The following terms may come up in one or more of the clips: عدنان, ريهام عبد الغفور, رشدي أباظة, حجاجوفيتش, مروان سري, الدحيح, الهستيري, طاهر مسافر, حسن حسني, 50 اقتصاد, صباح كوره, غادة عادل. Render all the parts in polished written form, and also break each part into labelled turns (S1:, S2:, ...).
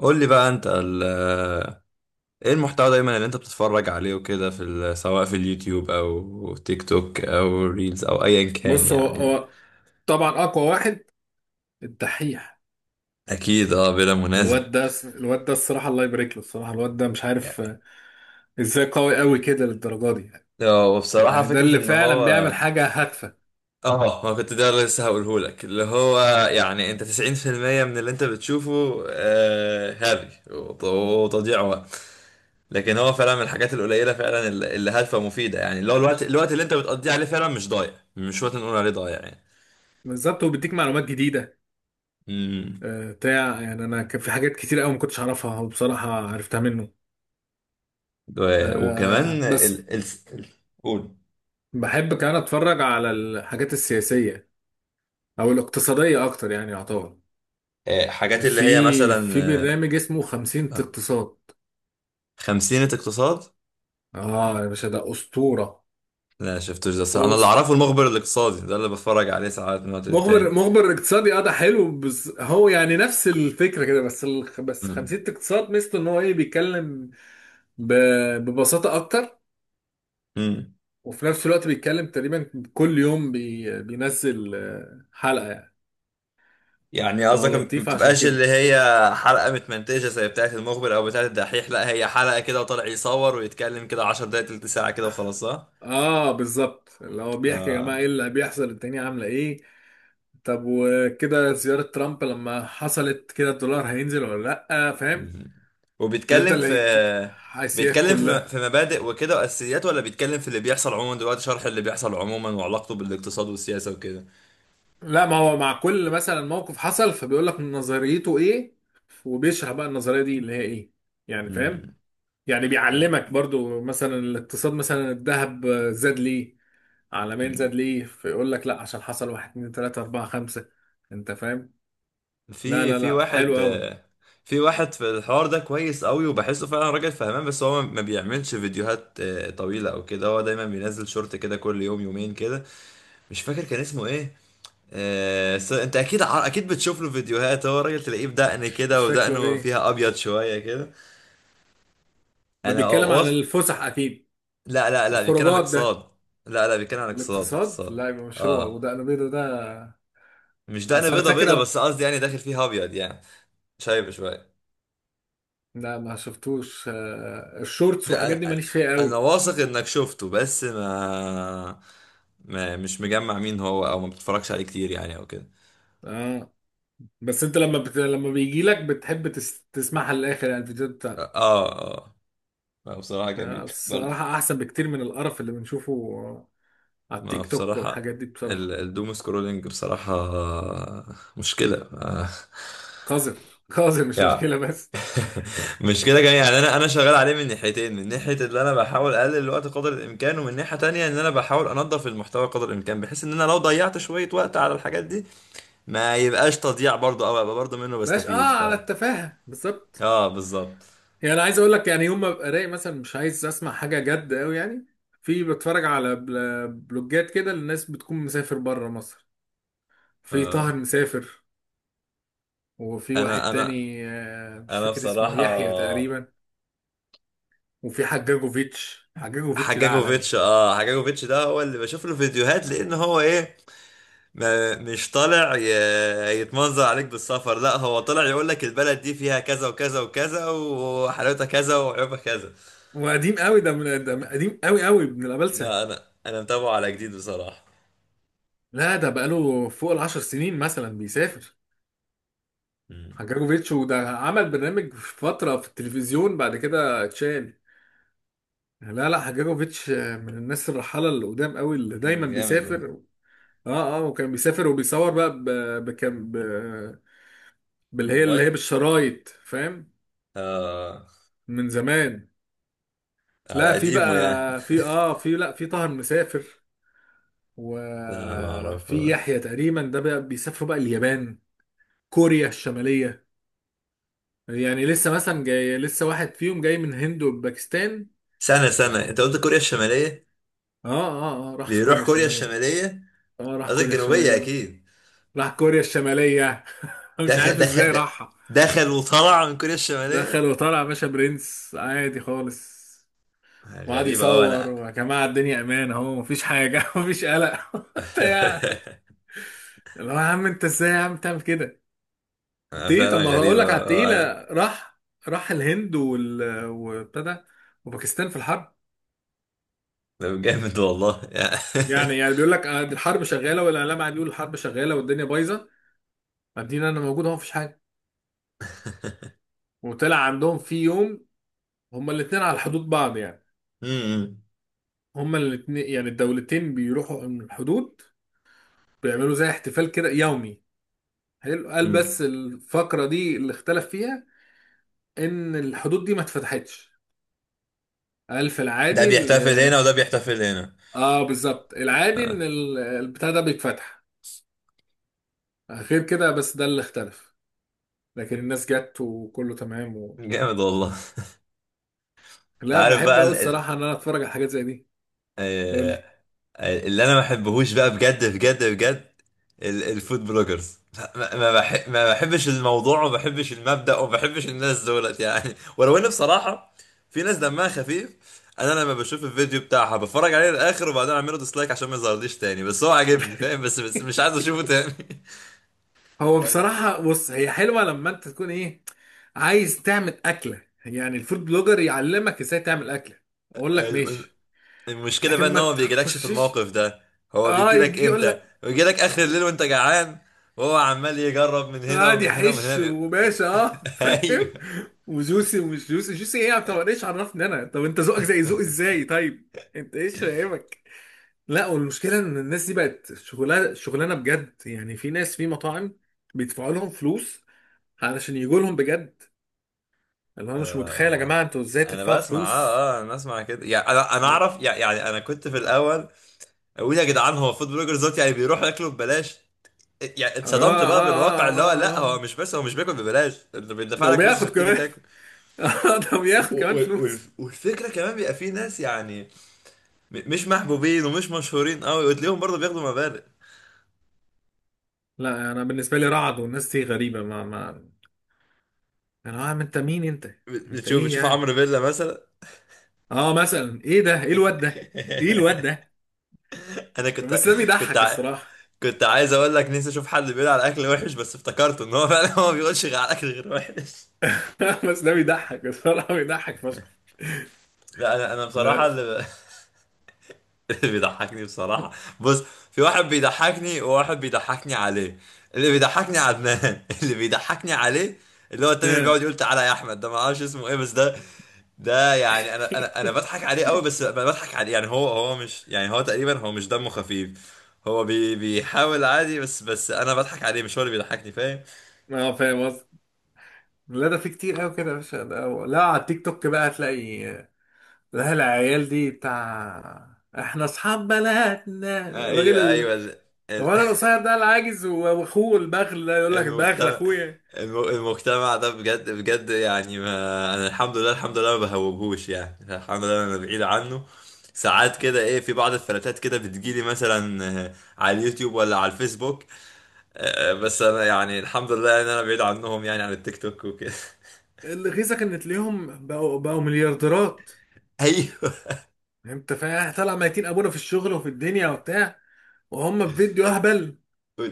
S1: قول لي بقى انت ايه المحتوى دايما اللي انت بتتفرج عليه وكده سواء في اليوتيوب او تيك توك او ريلز او ايا كان
S2: بص، هو
S1: يعني.
S2: هو طبعا اقوى واحد، الدحيح.
S1: اكيد، اه، بلا منازع.
S2: الواد ده الصراحه، الله يبارك له. الصراحه الواد ده مش عارف
S1: يعني
S2: ازاي قوي كده للدرجه دي يعني.
S1: هو بصراحة
S2: يعني ده
S1: فكرة
S2: اللي
S1: ان هو،
S2: فعلا بيعمل حاجه هادفه،
S1: اه ما كنت، ده لسه هقوله لك اللي هو. يعني انت 90% من اللي انت بتشوفه هري وتضييع وقت. لكن هو فعلا من الحاجات القليلة فعلا اللي هادفة ومفيدة، يعني اللي هو الوقت اللي انت بتقضيه عليه فعلا مش ضايع، مش وقت نقول عليه ضايع.
S2: بالظبط، وبيديك معلومات جديده.
S1: يعني
S2: بتاع يعني انا كان في حاجات كتير قوي ما كنتش اعرفها وبصراحه عرفتها منه.
S1: وكمان
S2: بس
S1: ال... ال... قول.
S2: بحب كمان اتفرج على الحاجات السياسيه او الاقتصاديه اكتر، يعني يعتبر
S1: آه، حاجات اللي هي
S2: في
S1: مثلا.
S2: في
S1: آه،
S2: برنامج اسمه 50
S1: آه،
S2: اقتصاد.
S1: خمسينة اقتصاد.
S2: اه يا باشا ده اسطوره.
S1: لا شفتوش ده، الصراحة انا اللي
S2: بص،
S1: اعرفه المخبر الاقتصادي ده اللي بتفرج عليه ساعات من وقت
S2: مخبر
S1: للتاني.
S2: مخبر اقتصادي اه، ده حلو، بس هو يعني نفس الفكره كده، بس
S1: مم.
S2: خمسيه اقتصاد ميزته ان هو ايه، بيتكلم ب... ببساطه اكتر،
S1: مم.
S2: وفي نفس الوقت بيتكلم تقريبا كل يوم، بينزل حلقه يعني،
S1: يعني
S2: فهو
S1: قصدك ما
S2: لطيف عشان
S1: بتبقاش اللي
S2: كده.
S1: هي حلقة متمنتجة زي بتاعة المخبر او بتاعة الدحيح، لا هي حلقة كده وطالع يصور ويتكلم كده 10 دقايق تلت ساعة كده وخلاص، صح؟
S2: اه بالظبط، اللي هو بيحكي يا جماعه ايه
S1: آه.
S2: اللي بيحصل، الدنيا عامله ايه، طب وكده زياره ترامب لما حصلت كده الدولار هينزل ولا لا، فاهم؟
S1: مم. وبيتكلم
S2: بيفضل
S1: في
S2: يديك الحيثيات
S1: بيتكلم في
S2: كلها.
S1: في مبادئ وكده واساسيات، ولا بيتكلم في اللي بيحصل عموما دلوقتي، شرح اللي بيحصل عموما وعلاقته بالاقتصاد والسياسة وكده.
S2: لا، ما هو مع كل مثلا موقف حصل، فبيقول لك نظريته ايه، وبيشرح بقى النظريه دي اللي هي ايه، يعني فاهم.
S1: مم.
S2: يعني
S1: أي.
S2: بيعلمك برضو مثلا الاقتصاد، مثلا الذهب زاد ليه عالميا، زاد
S1: مم.
S2: ليه، فيقول لك لا، عشان حصل واحد اتنين تلاته اربعه خمسه. انت فاهم. لا
S1: في
S2: لا
S1: في
S2: لا،
S1: واحد
S2: حلو قوي.
S1: في واحد في الحوار ده كويس قوي، وبحسه فعلا راجل فهمان، بس هو ما بيعملش فيديوهات طويلة او كده، هو دايما بينزل شورت كده كل يوم يومين كده. مش فاكر كان اسمه ايه. انت اكيد بتشوف له فيديوهات، هو راجل تلاقيه بدقن كده،
S2: شكله
S1: ودقنه
S2: ايه؟
S1: فيها ابيض شوية كده.
S2: ده
S1: انا
S2: بيتكلم عن
S1: أوص...
S2: الفسح اكيد،
S1: لا لا لا، بيتكلم عن
S2: الخروجات ده.
S1: الاقتصاد. لا لا، بيتكلم عن الاقتصاد،
S2: الاقتصاد؟
S1: اقتصاد.
S2: لا يبقى مش هو،
S1: اه،
S2: وده انا بيضه ده.
S1: مش دقن
S2: اصل انا
S1: بيضة
S2: فاكر
S1: بيضة، بس قصدي يعني داخل فيها ابيض يعني. شايب شوية.
S2: لا، ما شفتوش الشورتس والحاجات دي
S1: لا، انا
S2: ماليش فيها
S1: انا
S2: قوي.
S1: واثق انك شفته، بس ما... ما مش مجمع مين هو، او ما بتتفرجش عليه كتير يعني او كده.
S2: اه، بس انت لما لما بيجي لك بتحب تسمعها للاخر، يعني الفيديوهات بتاعته.
S1: اه اه. ما بصراحة جميل برضو.
S2: الصراحه احسن بكتير من القرف اللي بنشوفه على
S1: ما
S2: التيك توك
S1: بصراحة
S2: والحاجات دي بصراحه.
S1: الدوم سكرولينج بصراحة، مشكلة
S2: قذر قذر، مش
S1: يعني.
S2: مشكله بس.
S1: مش كده كمان، يعني انا شغال عليه من ناحيتين، من ناحيه اللي انا بحاول اقلل الوقت قدر الامكان، ومن ناحيه تانية ان انا بحاول انظف المحتوى قدر الامكان، بحيث ان انا لو ضيعت شويه وقت على الحاجات دي ما يبقاش تضييع برضه، او ابقى برضه منه
S2: باش،
S1: بستفيد.
S2: اه،
S1: ف
S2: على التفاهه بالظبط.
S1: اه، بالظبط.
S2: يعني انا عايز اقول لك يعني يوم ما ببقى رايق مثلا مش عايز اسمع حاجه جد قوي يعني. في بتفرج على بلوجات كده للناس بتكون مسافر بره مصر.
S1: ف...
S2: في طاهر مسافر، وفي واحد
S1: انا انا
S2: تاني مش
S1: انا
S2: فاكر اسمه
S1: بصراحه،
S2: يحيى تقريبا، وفي حجاجوفيتش. حجاجوفيتش ده عالمي
S1: حجاجوفيتش ده هو اللي بشوف له فيديوهات، لان هو ايه، ما مش طالع يتمنظر عليك بالسفر، لا هو طالع يقول لك البلد دي فيها كذا وكذا وكذا، وحلاوتها كذا، وعيوبها كذا.
S2: وقديم قوي، ده من، ده قديم قوي قوي من الأبلسة.
S1: لا، انا متابعه على جديد بصراحة.
S2: لا، ده بقاله فوق العشر سنين مثلا بيسافر
S1: مم.
S2: حجاجوفيتش، وده عمل برنامج في فترة في التلفزيون بعد كده اتشال. لا لا، حجاجوفيتش من الناس الرحالة اللي قدام قوي، اللي
S1: أنا
S2: دايما
S1: جامد.
S2: بيسافر. اه اه، وكان بيسافر وبيصور بقى بكم ب... باللي هي اللي هي
S1: الموبايل.
S2: بالشرايط، فاهم،
S1: آه،
S2: من زمان.
S1: على
S2: لا في بقى
S1: قديمه يعني.
S2: في اه في، لا في طاهر مسافر،
S1: لا، ما
S2: وفي
S1: اعرفه.
S2: يحيى تقريبا ده بقى بيسافروا بقى اليابان، كوريا الشمالية، يعني لسه مثلا جاي، لسه واحد فيهم جاي من هند وباكستان.
S1: سنة سنة، انت قلت كوريا الشمالية؟
S2: اه اه اه، راح كوريا
S1: بيروح كوريا
S2: الشمالية.
S1: الشمالية؟
S2: اه راح
S1: قصدك
S2: كوريا
S1: الجنوبية
S2: الشمالية.
S1: اكيد.
S2: راح كوريا الشمالية مش
S1: دخل،
S2: عارف ازاي
S1: دخل،
S2: راحها.
S1: دخل وطلع من كوريا
S2: دخل
S1: الشمالية.
S2: وطلع يا باشا، برنس عادي خالص، وقعد
S1: غريبة اوي
S2: يصور،
S1: انا
S2: ويا جماعة الدنيا امان اهو، مفيش حاجة مفيش قلق بتاع. اللي هو يا عم انت ازاي يا عم تعمل كده.
S1: أنا
S2: تيه، طب
S1: فعلا
S2: ما هقول
S1: غريبة،
S2: لك على التقيلة.
S1: أنا.
S2: راح، راح الهند وابتدى وباكستان في الحرب.
S1: ده جامد والله
S2: يعني بيقول لك دي الحرب شغالة، والإعلام قاعد يقول الحرب شغالة والدنيا بايظة، قاعدين، أنا موجود أهو مفيش حاجة. وطلع عندهم في يوم هما الاتنين على حدود بعض يعني،
S1: أمم،
S2: هما الاتنين يعني الدولتين بيروحوا من الحدود، بيعملوا زي احتفال كده يومي حلو، قال،
S1: أمم.
S2: بس الفقرة دي اللي اختلف فيها إن الحدود دي ما اتفتحتش. قال في
S1: ده
S2: العادي
S1: بيحتفل هنا وده بيحتفل هنا.
S2: اه بالظبط، العادي
S1: آه،
S2: ان البتاع ده بيتفتح غير كده، بس ده اللي اختلف، لكن الناس جت وكله تمام و...
S1: جامد والله. أنت
S2: لا
S1: عارف
S2: بحب
S1: بقى
S2: قوي
S1: ال... ال...
S2: الصراحه ان انا اتفرج على حاجات زي دي. قول
S1: آه،
S2: لي.
S1: آه، اللي أنا ما بحبهوش بقى بجد بجد بجد، الفود بلوجرز. لا، ما بحبش الموضوع، وما بحبش المبدأ، وما بحبش الناس دولت يعني ولو إن بصراحة في ناس دمها خفيف. انا لما بشوف الفيديو بتاعها بتفرج عليه للاخر، وبعدين اعمله ديسلايك عشان ما يظهرليش تاني. بس هو عاجبني فاهم، بس مش عايز اشوفه تاني.
S2: هو
S1: يعني
S2: بصراحه، بص هي حلوه لما انت تكون ايه، عايز تعمل اكله، يعني الفود بلوجر يعلمك ازاي تعمل اكله، اقول لك
S1: الم-
S2: ماشي،
S1: المشكلة
S2: لكن
S1: بقى ان
S2: ما
S1: هو ما بيجيلكش في
S2: تخشش.
S1: الموقف ده، هو
S2: اه
S1: بيجيلك
S2: يجي يقول
S1: امتى؟
S2: لك.
S1: بيجيلك اخر الليل وانت جعان، وهو عمال يجرب من هنا
S2: قاعد
S1: ومن هنا ومن
S2: يحش،
S1: هنا
S2: وباشا اه
S1: ايوه.
S2: فاهم، وجوسي، ومش جوسي، جوسي ايه؟ طب انا ايش عرفني انا؟ طب انت ذوقك زي ذوقي ازاي، طيب؟ انت ايش فاهمك؟ لا، والمشكله ان الناس دي بقت شغلانه شغلانه بجد يعني. في ناس في مطاعم بيدفعوا لهم فلوس علشان يجوا لهم بجد. اللي انا مش
S1: آه،
S2: متخيل، يا
S1: انا
S2: جماعه انتوا ازاي
S1: انا
S2: تدفعوا
S1: بسمع.
S2: فلوس.
S1: اه انا بسمع كده يعني، انا
S2: اه
S1: اعرف يعني، انا كنت في الاول اقول يا جدعان، هو فود بلوجرز دوت يعني بيروحوا ياكلوا ببلاش. يعني
S2: اه
S1: اتصدمت بقى بالواقع
S2: اه
S1: اللي هو
S2: اه،
S1: لا، هو
S2: آه.
S1: مش بس هو مش بياكل ببلاش، انت
S2: ده
S1: بيدفع لك فلوس
S2: وبياخد
S1: عشان تيجي
S2: كمان
S1: تاكل.
S2: ده وبياخد كمان فلوس.
S1: والفكرة كمان بيبقى في ناس يعني مش محبوبين ومش مشهورين قوي، وتلاقيهم برضه بياخدوا مبالغ.
S2: لا انا بالنسبه لي رعد والناس دي غريبه، ما انا، عم انت مين انت؟ انت
S1: بتشوف
S2: ايه
S1: بتشوف
S2: يعني؟
S1: عمرو فيلا مثلا
S2: اه مثلا ايه ده، ايه الواد ده، ايه الواد ده.
S1: انا
S2: بس ده
S1: كنت
S2: بيضحك
S1: ع...
S2: الصراحه.
S1: كنت عايز اقول لك نفسي اشوف حد بيقول على اكل وحش، بس افتكرت ان هو فعلا هو ما بيقولش غير على اكل غير وحش.
S2: بس ده بيضحك الصراحه، بيضحك فشخ.
S1: لا، انا بصراحه
S2: لا
S1: اللي بيضحكني بصراحة. بص، في واحد بيضحكني، وواحد بيضحكني عليه. اللي بيضحكني عدنان اللي بيضحكني عليه اللي هو التاني، اللي بيقعد يقول تعالى يا احمد، ده ما اعرفش اسمه ايه، بس ده يعني انا بضحك عليه قوي، بس بضحك عليه. يعني هو مش، يعني هو تقريبا، هو مش دمه خفيف. هو بيحاول عادي، بس انا بضحك عليه، مش هو اللي بيضحكني، فاهم.
S2: اه، فاهم قصدي. لا ده في كتير قوي كده يا باشا، ده هو. لا على التيك توك بقى هتلاقي. لا العيال دي بتاع احنا اصحاب بلدنا،
S1: آه،
S2: الراجل
S1: ايوه ايوه، ال...
S2: هو انا، القصير ده العاجز واخوه البخل، ده يقول لك البخل
S1: المجتمع،
S2: اخويا.
S1: المجتمع ده بجد بجد يعني، ما انا الحمد لله، الحمد لله ما بهوبهوش يعني، الحمد لله انا بعيد عنه. ساعات كده ايه، في بعض الفلاتات كده بتجيلي مثلا على اليوتيوب ولا على الفيسبوك. آه، آه، بس انا يعني الحمد لله ان انا بعيد عنهم، يعني عن التيك توك وكده
S2: اللي غيظك ان تلاقيهم بقوا بقوا مليارديرات،
S1: ايوه.
S2: يعني انت فاهم، إحنا طالع ميتين ابونا في الشغل وفي الدنيا وبتاع، وهم في فيديو اهبل،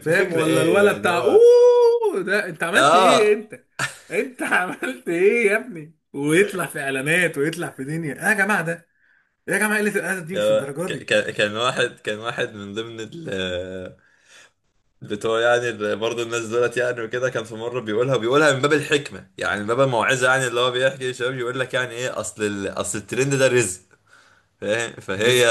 S2: فاهم؟ ولا
S1: ايه
S2: الولد
S1: يعني،
S2: بتاع
S1: هو
S2: اوه، ده انت عملت ايه
S1: اه
S2: انت، انت عملت ايه يا ابني، ويطلع في اعلانات ويطلع في دنيا، ايه يا جماعه ده، إيه يا جماعه، قله الادب دي مش الدرجه دي.
S1: كان واحد من ضمن ال بتوع، يعني برضه الناس دولت يعني وكده. كان في مره بيقولها من باب الحكمه، يعني من باب الموعظه، يعني اللي هو بيحكي للشباب يقول لك يعني ايه، اصل اصل الترند ده رزق، فاهم، فهي.
S2: رزق.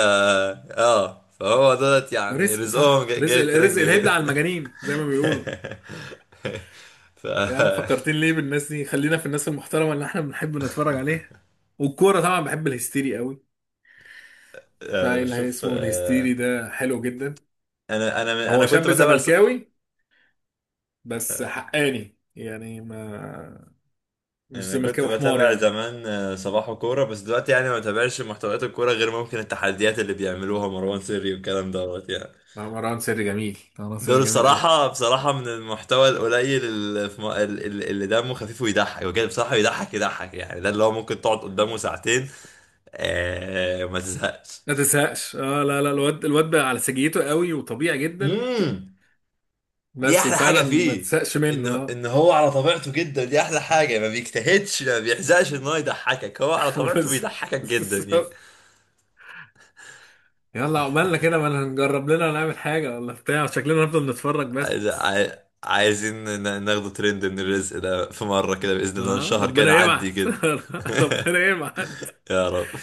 S1: اه، فهو دولت يعني
S2: رزق
S1: رزقهم
S2: صح،
S1: جاي
S2: رزق
S1: الترند
S2: رزق الهبل
S1: كده.
S2: على المجانين زي ما بيقولوا.
S1: ف
S2: يا عم فكرتين ليه بالناس دي، خلينا في الناس المحترمه اللي احنا بنحب نتفرج عليها. والكوره طبعا بحب الهستيري قوي،
S1: انا
S2: فايل
S1: بشوف
S2: اسمه الهستيري ده حلو جدا.
S1: انا انا من- انا
S2: هو
S1: كنت
S2: شاب
S1: بتابع س...
S2: زملكاوي بس حقاني يعني، ما مش
S1: انا كنت
S2: زملكاوي حمار
S1: بتابع
S2: يعني.
S1: زمان صباح كوره. بس دلوقتي يعني ما بتابعش محتويات الكوره غير ممكن التحديات اللي بيعملوها مروان سري والكلام دوت يعني.
S2: لا مروان سري جميل، مروان سري
S1: دول
S2: جميل قوي.
S1: بصراحة، بصراحة من المحتوى القليل، اللي, في م... اللي اللي دمه خفيف ويضحك بجد بصراحة، يضحك يضحك يعني، ده اللي هو ممكن تقعد قدامه ساعتين آه، ما تزهقش.
S2: ما تزهقش اه، لا لا، الواد بقى على سجيته قوي وطبيعي جدا.
S1: امم دي
S2: بس
S1: احلى حاجة
S2: وفعلا ما
S1: فيه،
S2: تزهقش
S1: ان
S2: منه اه
S1: ان هو على طبيعته جدا، دي احلى حاجة، ما بيجتهدش، ما بيحزقش ان هو يضحكك، هو على طبيعته
S2: بس
S1: بيضحكك جدا
S2: بس-
S1: يعني.
S2: يلا عقبالنا كده، ما هنجرب لنا نعمل حاجة ولا بتاع، شكلنا هنفضل نتفرج بس.
S1: عايز- عاي- عايزين ناخده ترند من الرزق ده في مرة كده بإذن الله،
S2: اه
S1: الشهر كان
S2: ربنا
S1: عدي
S2: يبعت.
S1: كده
S2: ربنا يبعت.
S1: يا رب.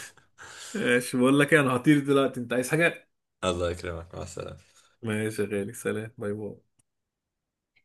S2: ماشي بقول لك إيه، انا هطير دلوقتي، انت عايز حاجة؟
S1: الله يكرمك، مع السلامة.
S2: ماشي يا غالي، سلام، باي باي